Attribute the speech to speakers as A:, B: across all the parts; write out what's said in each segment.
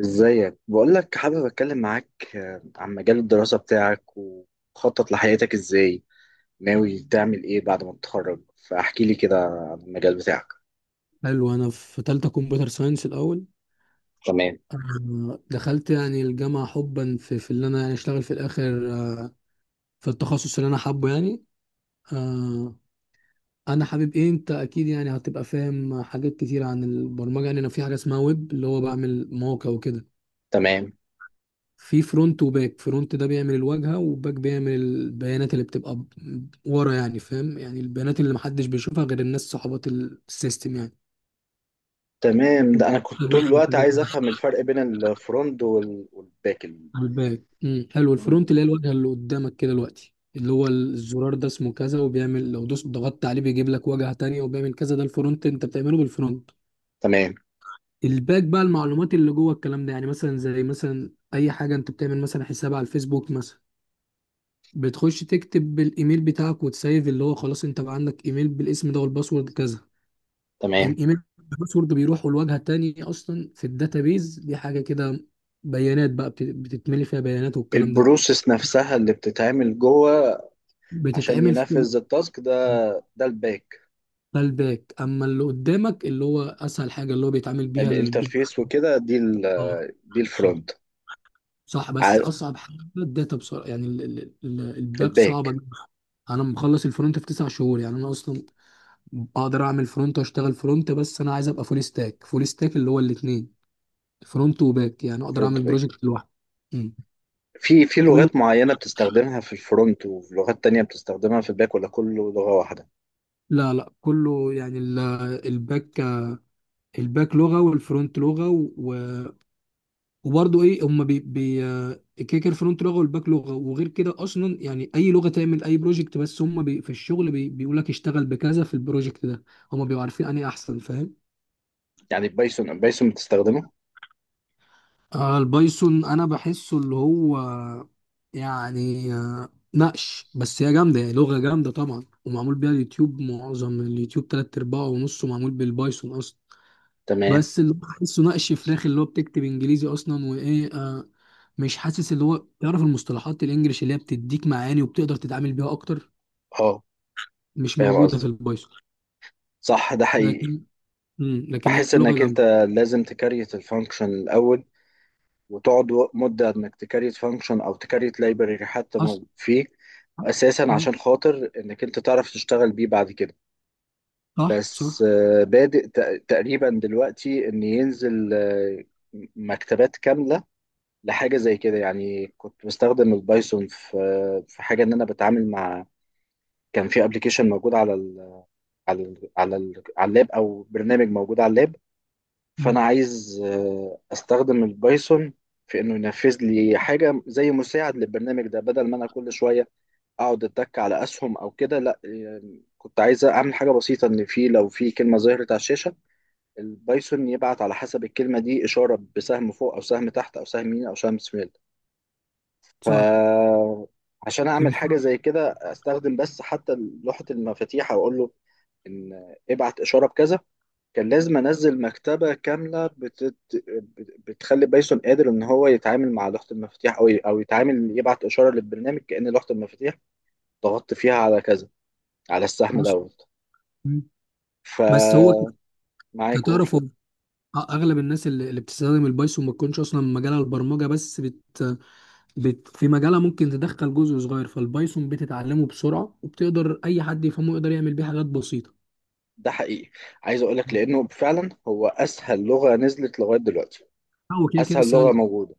A: ازيك؟ بقول لك حابب اتكلم معاك عن مجال الدراسة بتاعك وخطط لحياتك ازاي؟ ناوي تعمل ايه بعد ما تتخرج؟ فاحكي لي كده عن المجال بتاعك.
B: حلو، انا في تالتة كمبيوتر ساينس الاول.
A: تمام،
B: دخلت يعني الجامعة حبا في اللي انا يعني اشتغل في الاخر، في التخصص اللي انا حابه يعني. آه، انا حابب ايه، انت اكيد يعني هتبقى فاهم حاجات كتير عن البرمجة. يعني انا في حاجة اسمها ويب، اللي هو بعمل مواقع وكده.
A: تمام،
B: في فرونت وباك. فرونت ده بيعمل الواجهة، وباك بيعمل البيانات اللي بتبقى ورا، يعني فاهم، يعني البيانات اللي محدش بيشوفها غير الناس صحابات السيستم.
A: تمام. ده انا كنت طول الوقت
B: يعني
A: عايز افهم الفرق بين الفرونت والباك.
B: على الباك، حلو،
A: الفرونت-
B: الفرونت اللي هي الواجهه اللي قدامك كده دلوقتي، اللي هو الزرار ده اسمه كذا وبيعمل، لو دوس ضغطت عليه بيجيب لك واجهه تانية وبيعمل كذا. ده الفرونت، انت بتعمله بالفرونت.
A: تمام،
B: الباك بقى المعلومات اللي جوه الكلام ده. يعني مثلا، زي مثلا اي حاجه انت بتعمل، مثلا حساب على الفيسبوك مثلا. بتخش تكتب بالايميل بتاعك وتسيف، اللي هو خلاص انت بقى عندك ايميل بالاسم ده والباسورد كذا.
A: تمام.
B: الايميل الباسورد بيروح والواجهه التانية اصلا في الداتابيز دي، حاجه كده، بيانات بقى بتتملي فيها بيانات والكلام ده.
A: البروسيس نفسها اللي بتتعمل جوه عشان
B: بتتعمل في.
A: ينفذ التاسك ده، ده الباك.
B: ده الباك. اما اللي قدامك اللي هو اسهل حاجه، اللي هو بيتعامل بيها
A: الانترفيس وكده
B: اه،
A: دي الفرونت.
B: صح. بس
A: عار-
B: اصعب حاجه الداتا بسرعه يعني، الباك صعبه
A: الباك.
B: جداً. انا مخلص الفرونت في 9 شهور. يعني انا اصلا اقدر اعمل فرونت واشتغل فرونت، بس انا عايز ابقى فول ستاك. فول ستاك اللي هو الاثنين، فرونت وباك، يعني اقدر اعمل
A: فرونت باك.
B: بروجكت لوحدي. أمم.
A: في
B: قول لي.
A: لغات معينة بتستخدمها في الفرونت ولغات تانية بتستخدمها في الباك ولا كله لغة واحدة؟
B: لا لا، كله يعني الباك الباك لغه والفرونت لغه. وبرضه ايه، هم بي كده كده الفرونت لغه والباك لغه. وغير كده اصلا يعني اي لغه تعمل اي بروجكت، بس هم بي في الشغل، بي بيقول لك اشتغل بكذا في البروجكت ده. هم بيبقوا عارفين انهي احسن، فاهم.
A: يعني بايثون بايثون بتستخدمه؟
B: آه، البايثون انا بحسه اللي هو يعني، نقش. بس هي جامده يعني، لغه جامده طبعا، ومعمول بيها اليوتيوب، معظم اليوتيوب تلات ارباعه ونصه معمول بالبايثون اصلا.
A: تمام.
B: بس اللي بحسه نقش فراخ، اللي هو بتكتب انجليزي اصلا. وايه، مش حاسس اللي هو تعرف المصطلحات الانجليش اللي هي بتديك معاني وبتقدر تتعامل بيها اكتر.
A: اه،
B: مش
A: فاهم
B: موجوده في
A: قصدي،
B: البايثون.
A: صح، ده حقيقي.
B: لكن لكن هي
A: بحس
B: لغه
A: انك انت
B: جامده.
A: لازم تكريت الفانكشن الاول، وتقعد مدة انك تكريت فانكشن او تكريت لايبرري حتى ما
B: اصلا.
A: فيه اساسا
B: مم.
A: عشان خاطر انك انت تعرف تشتغل بيه بعد كده.
B: صح،
A: بس
B: صح.
A: بادئ تقريبا دلوقتي ان ينزل مكتبات كاملة لحاجة زي كده. يعني كنت بستخدم البايثون في في حاجة ان انا بتعامل مع، كان في ابلكيشن موجود على اللاب، او برنامج موجود على اللاب. فانا
B: مم.
A: عايز استخدم البايثون في انه ينفذ لي حاجة زي مساعد للبرنامج ده، بدل ما انا كل شوية اقعد اتك على اسهم او كده. لا يعني كنت عايز اعمل حاجة بسيطة، ان في، لو في كلمة ظهرت على الشاشة البايثون يبعت على حسب الكلمة دي إشارة بسهم فوق او سهم تحت او سهم يمين او سهم شمال.
B: صح،
A: فعشان اعمل حاجه
B: تنفع.
A: زي كده استخدم بس حتى لوحه المفاتيح، او اقول له ان ابعت اشاره بكذا. كان لازم انزل مكتبه كامله بتخلي بايثون قادر ان هو يتعامل مع لوحه المفاتيح، او يتعامل يبعت اشاره للبرنامج كأن لوحه المفاتيح ضغطت فيها على كذا، على السهم
B: اصلا.
A: دوت.
B: مم. بس هو
A: فمعاك. قول.
B: كتعرف هو، اغلب الناس اللي بتستخدم البايثون ما تكونش اصلا مجالها البرمجه، بس في مجالها ممكن تدخل جزء صغير فالبايثون، بتتعلمه بسرعه وبتقدر اي حد يفهمه يقدر يعمل بيه حاجات بسيطه.
A: ده حقيقي، عايز اقول لك
B: مم.
A: لانه فعلا هو اسهل لغه نزلت لغايه دلوقتي.
B: هو كده كده
A: اسهل لغه
B: سهل.
A: موجوده.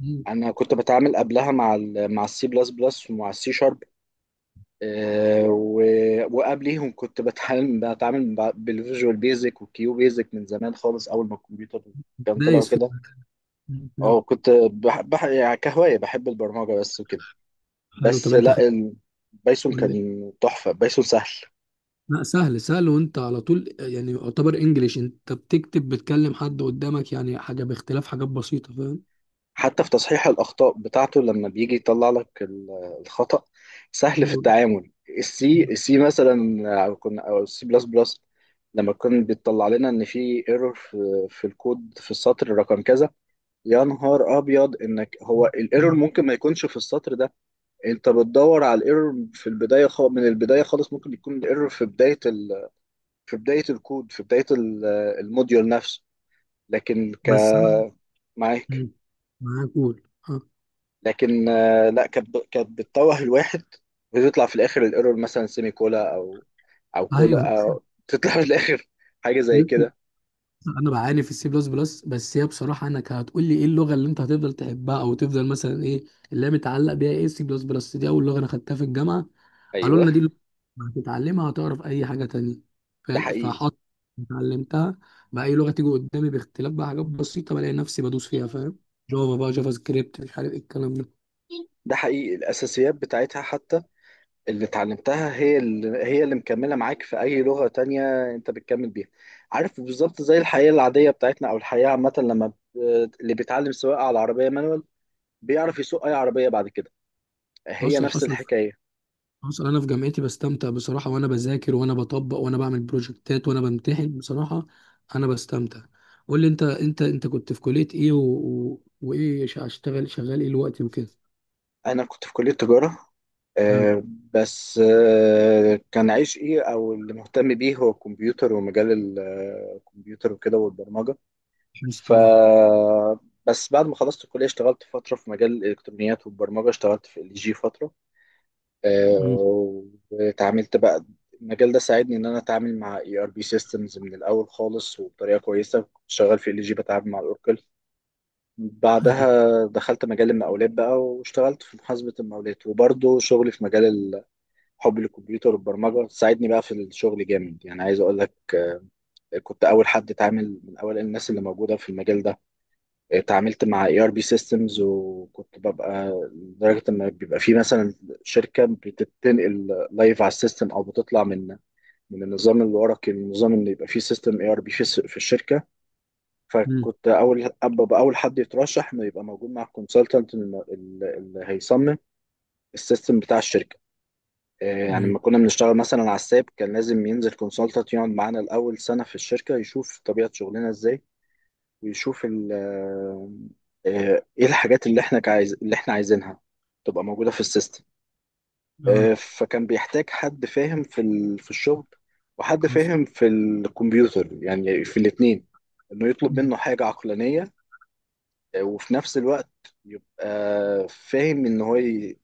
B: مم.
A: انا كنت بتعامل قبلها مع C++ ومع C#، وقبليهم كنت بتعامل بالفيجوال بيزك والكيو بيزك من زمان خالص، اول ما الكمبيوتر كان طلع
B: دايس في.
A: كده.
B: مم.
A: اه كنت بح بح يعني كهواية بحب البرمجة بس وكده.
B: حلو، طب
A: بس
B: انت
A: لا،
B: خدت
A: البايثون
B: ولا ايه؟
A: كان تحفة، بايثون سهل.
B: لا، سهل سهل، وانت على طول يعني يعتبر انجليش، انت بتكتب بتكلم حد قدامك يعني، حاجه باختلاف حاجات بسيطه، فاهم.
A: حتى في تصحيح الأخطاء بتاعته لما بيجي يطلع لك الخطأ، سهل في
B: حلو ده.
A: التعامل. السي مثلا، أو C++، لما كان بيطلع لنا إن في ايرور في الكود في السطر رقم كذا، يا نهار أبيض إنك هو الايرور
B: مم.
A: ممكن ما يكونش في السطر ده. أنت بتدور على الايرور في البداية، من البداية خالص. ممكن يكون الايرور في بداية في بداية الكود، في بداية الموديول نفسه. لكن ك
B: بس انا،
A: معاك.
B: مم، معاك. قول. اه.
A: لكن لا، كانت كانت بتتوه الواحد وتطلع في الاخر الايرور مثلا سيمي كولا، او
B: ايوه.
A: كولا، او تطلع في الاخر حاجه زي كده.
B: انا بعاني في السي بلس بلس. بس هي بصراحه، انك هتقول لي ايه اللغه اللي انت هتفضل تحبها او تفضل مثلا، ايه اللي هي متعلق بيها. ايه، السي بلس بلس دي اول لغه انا خدتها في الجامعه. قالوا
A: ايوه.
B: لنا دي اللغة، هتتعلمها هتعرف اي حاجه تانية،
A: ده
B: فاهم.
A: حقيقي،
B: فحط اتعلمتها. بقى اي لغه تيجي قدامي باختلاف بقى حاجات بسيطه، بلاقي نفسي بدوس فيها، فاهم. جافا، بقى جافا سكريبت، مش عارف ايه الكلام ده.
A: ده حقيقي الاساسيات بتاعتها حتى اللي اتعلمتها، هي اللي مكمله معاك في اي لغه تانية انت بتكمل بيها. عارف بالظبط، زي الحياه العاديه بتاعتنا او الحياه عامه، لما اللي بيتعلم سواقه على عربيه مانوال بيعرف يسوق اي عربيه بعد كده. هي
B: حصل،
A: نفس
B: حصل،
A: الحكايه.
B: حصل. انا في جامعتي بستمتع بصراحه، وانا بذاكر وانا بطبق وانا بعمل بروجكتات وانا بمتحن بصراحه، انا بستمتع. قول لي، انت كنت في كليه ايه وايه، هشتغل شغال ايه الوقت وكده.
A: انا كنت في كليه تجاره،
B: مم.
A: آه، بس كان عايش ايه او اللي مهتم بيه هو الكمبيوتر ومجال الكمبيوتر وكده والبرمجه.
B: حسيت.
A: ف
B: اه.
A: بس بعد ما خلصت الكليه اشتغلت فتره في مجال الالكترونيات والبرمجه، اشتغلت في LG فتره، آه،
B: مم.
A: واتعاملت بقى. المجال ده ساعدني ان انا اتعامل مع ERP سيستمز من الاول خالص وبطريقه كويسه. كنت شغال في LG بتعامل مع الاوركل. بعدها دخلت مجال المقاولات بقى، واشتغلت في محاسبة المقاولات، وبرضه شغلي في مجال حب للكمبيوتر والبرمجة ساعدني بقى في الشغل جامد. يعني عايز أقول لك، كنت أول حد اتعامل من أوائل الناس اللي موجودة في المجال ده. اتعاملت مع ERP سيستمز، وكنت ببقى لدرجة إن بيبقى في مثلا شركة بتنقل لايف على السيستم، أو بتطلع من النظام الورقي للنظام إن يبقى فيه سيستم ERP في في الشركة.
B: مم.
A: فكنت اول ابقى اول حد يترشح انه يبقى موجود مع الكونسلتنت اللي هيصمم السيستم بتاع الشركه. يعني
B: ايوه.
A: لما كنا بنشتغل مثلا على الساب كان لازم ينزل كونسلتنت يقعد معانا الاول سنه في الشركه يشوف طبيعه شغلنا ازاي، ويشوف ايه الحاجات اللي احنا عايزينها تبقى موجوده في السيستم.
B: اه.
A: فكان بيحتاج حد فاهم في الشغل وحد
B: حصل.
A: فاهم في الكمبيوتر، يعني في الاثنين، انه يطلب
B: مم.
A: منه حاجه عقلانيه، وفي نفس الوقت يبقى فاهم ان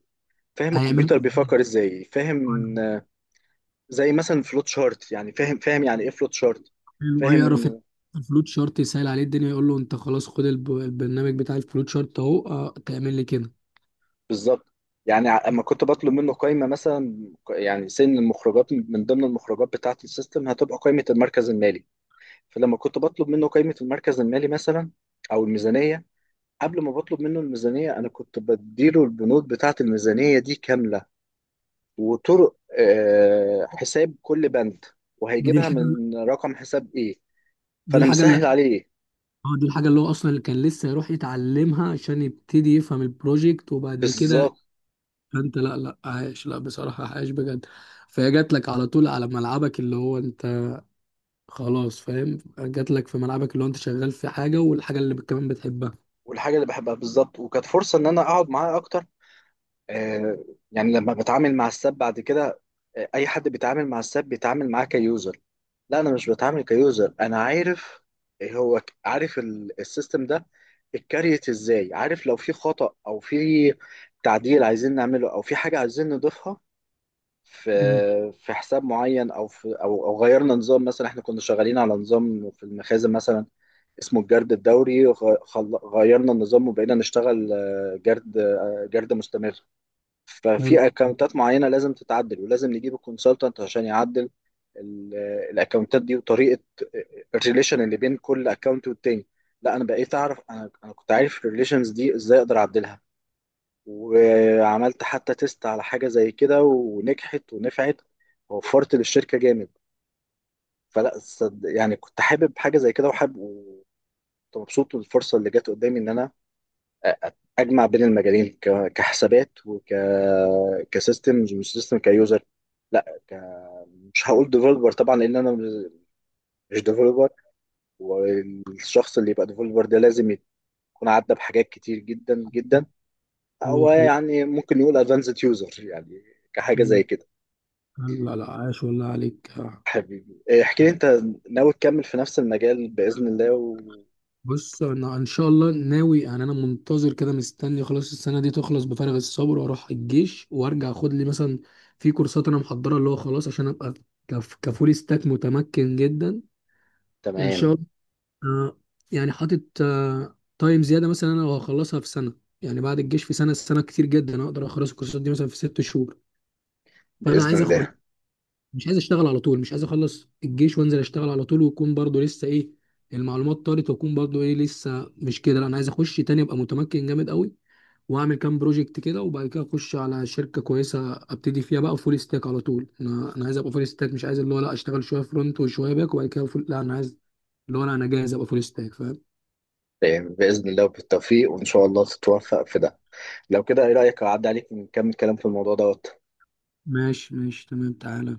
A: فاهم
B: هيعملها
A: الكمبيوتر
B: ازاي.
A: بيفكر ازاي.
B: حلو.
A: فاهم، زي مثلا فلوت شارت، يعني فاهم فاهم يعني ايه فلوت شارت،
B: حلو. اه
A: فاهم
B: يعرف
A: ان،
B: الفلوت شارت يسهل عليه الدنيا. يقول له انت خلاص، خد البرنامج بتاع الفلوت شارت اهو، اه، تعمل لي كده.
A: بالظبط. يعني اما كنت بطلب منه قائمه مثلا، يعني سن المخرجات، من ضمن المخرجات بتاعه السيستم هتبقى قائمه المركز المالي. فلما كنت بطلب منه قائمه المركز المالي مثلا او الميزانيه، قبل ما بطلب منه الميزانيه انا كنت بديله البنود بتاعه الميزانيه دي كامله، وطرق حساب كل بند
B: دي
A: وهيجيبها
B: الحاجه
A: من رقم حساب ايه.
B: دي
A: فانا
B: الحاجه اللي
A: مسهل عليه،
B: دي الحاجة اللي هو أصلا، اللي كان لسه يروح يتعلمها عشان يبتدي يفهم البروجكت، وبعد كده.
A: بالظبط.
B: أنت، لا لا، عايش، لا بصراحة، عايش بجد. فهي جات لك على طول، على ملعبك اللي هو أنت، خلاص فاهم، جات لك في ملعبك اللي هو أنت شغال في حاجة، والحاجة اللي كمان بتحبها.
A: والحاجه اللي بحبها بالظبط، وكانت فرصه ان انا اقعد معاه اكتر. آه، يعني لما بتعامل مع الساب بعد كده، اي حد بيتعامل مع الساب بيتعامل معاه كيوزر، لا انا مش بتعامل كيوزر، انا عارف. هو عارف السيستم ده اتكريت ازاي، عارف لو في خطأ او في تعديل عايزين نعمله، او في حاجه عايزين نضيفها في
B: امم
A: حساب معين، او في او او غيرنا نظام مثلا. احنا كنا شغالين على نظام في المخازن مثلا اسمه الجرد الدوري، غيرنا النظام وبقينا نشتغل جرد مستمر.
B: حلو،
A: ففي اكونتات معينه لازم تتعدل، ولازم نجيب الكونسلتنت عشان يعدل الاكونتات دي وطريقه الريليشن اللي بين كل اكونت والتاني. لا انا بقيت اعرف، انا كنت عارف الريليشنز دي ازاي اقدر اعدلها، وعملت حتى تيست على حاجة زي كده ونجحت ونفعت، ووفرت للشركة جامد. يعني كنت حابب حاجة زي كده، وحابب وكنت مبسوط بالفرصة اللي جت قدامي إن أنا أ- أ- أجمع بين المجالين، كحسابات كسيستم، مش سيستم كيوزر، لا مش هقول ديفلوبر طبعا، لأن أنا مش ديفلوبر. والشخص اللي يبقى ديفلوبر ده لازم يكون عدى بحاجات كتير جدا جدا.
B: اللي هو
A: هو
B: خلاص.
A: يعني ممكن يقول ادفانسد يوزر، يعني كحاجة زي
B: أمم.
A: كده.
B: حلو. لا لا، عايش والله عليك.
A: حبيبي إيه، احكي لي انت ناوي تكمل في نفس المجال بإذن الله
B: بص، انا ان شاء الله ناوي يعني، انا منتظر كده مستني خلاص السنه دي تخلص بفارغ الصبر، واروح الجيش وارجع اخد لي مثلا في كورسات انا محضرها، اللي هو خلاص عشان ابقى كفول ستاك متمكن جدا. ان
A: تمام
B: شاء الله. آه، يعني حاطط تايم زياده مثلا، انا هخلصها في سنه. يعني بعد الجيش في سنه. سنه كتير جدا، اقدر اخلص الكورسات دي مثلا في 6 شهور. فانا
A: بإذن
B: عايز اخد،
A: الله.
B: مش عايز اشتغل على طول، مش عايز اخلص الجيش وانزل اشتغل على طول ويكون برضو لسه ايه. المعلومات طارت، واكون برضو ايه لسه مش كده. لا انا عايز اخش تاني ابقى متمكن جامد قوي، واعمل كام بروجكت كده، وبعد كده اخش على شركه كويسه ابتدي فيها بقى فول ستاك على طول. انا عايز ابقى فول ستاك، مش عايز اللي هو لا اشتغل شويه فرونت وشويه باك وبعد كده فول. لا، انا عايز، اللي هو لا، انا جاهز ابقى فول ستاك، فاهم.
A: تمام بإذن الله وبالتوفيق، وإن شاء الله تتوفق في ده. لو كده ايه رأيك اعدي عليك ونكمل كلام في الموضوع دوت.
B: ماشي ماشي، تمام، تعالى.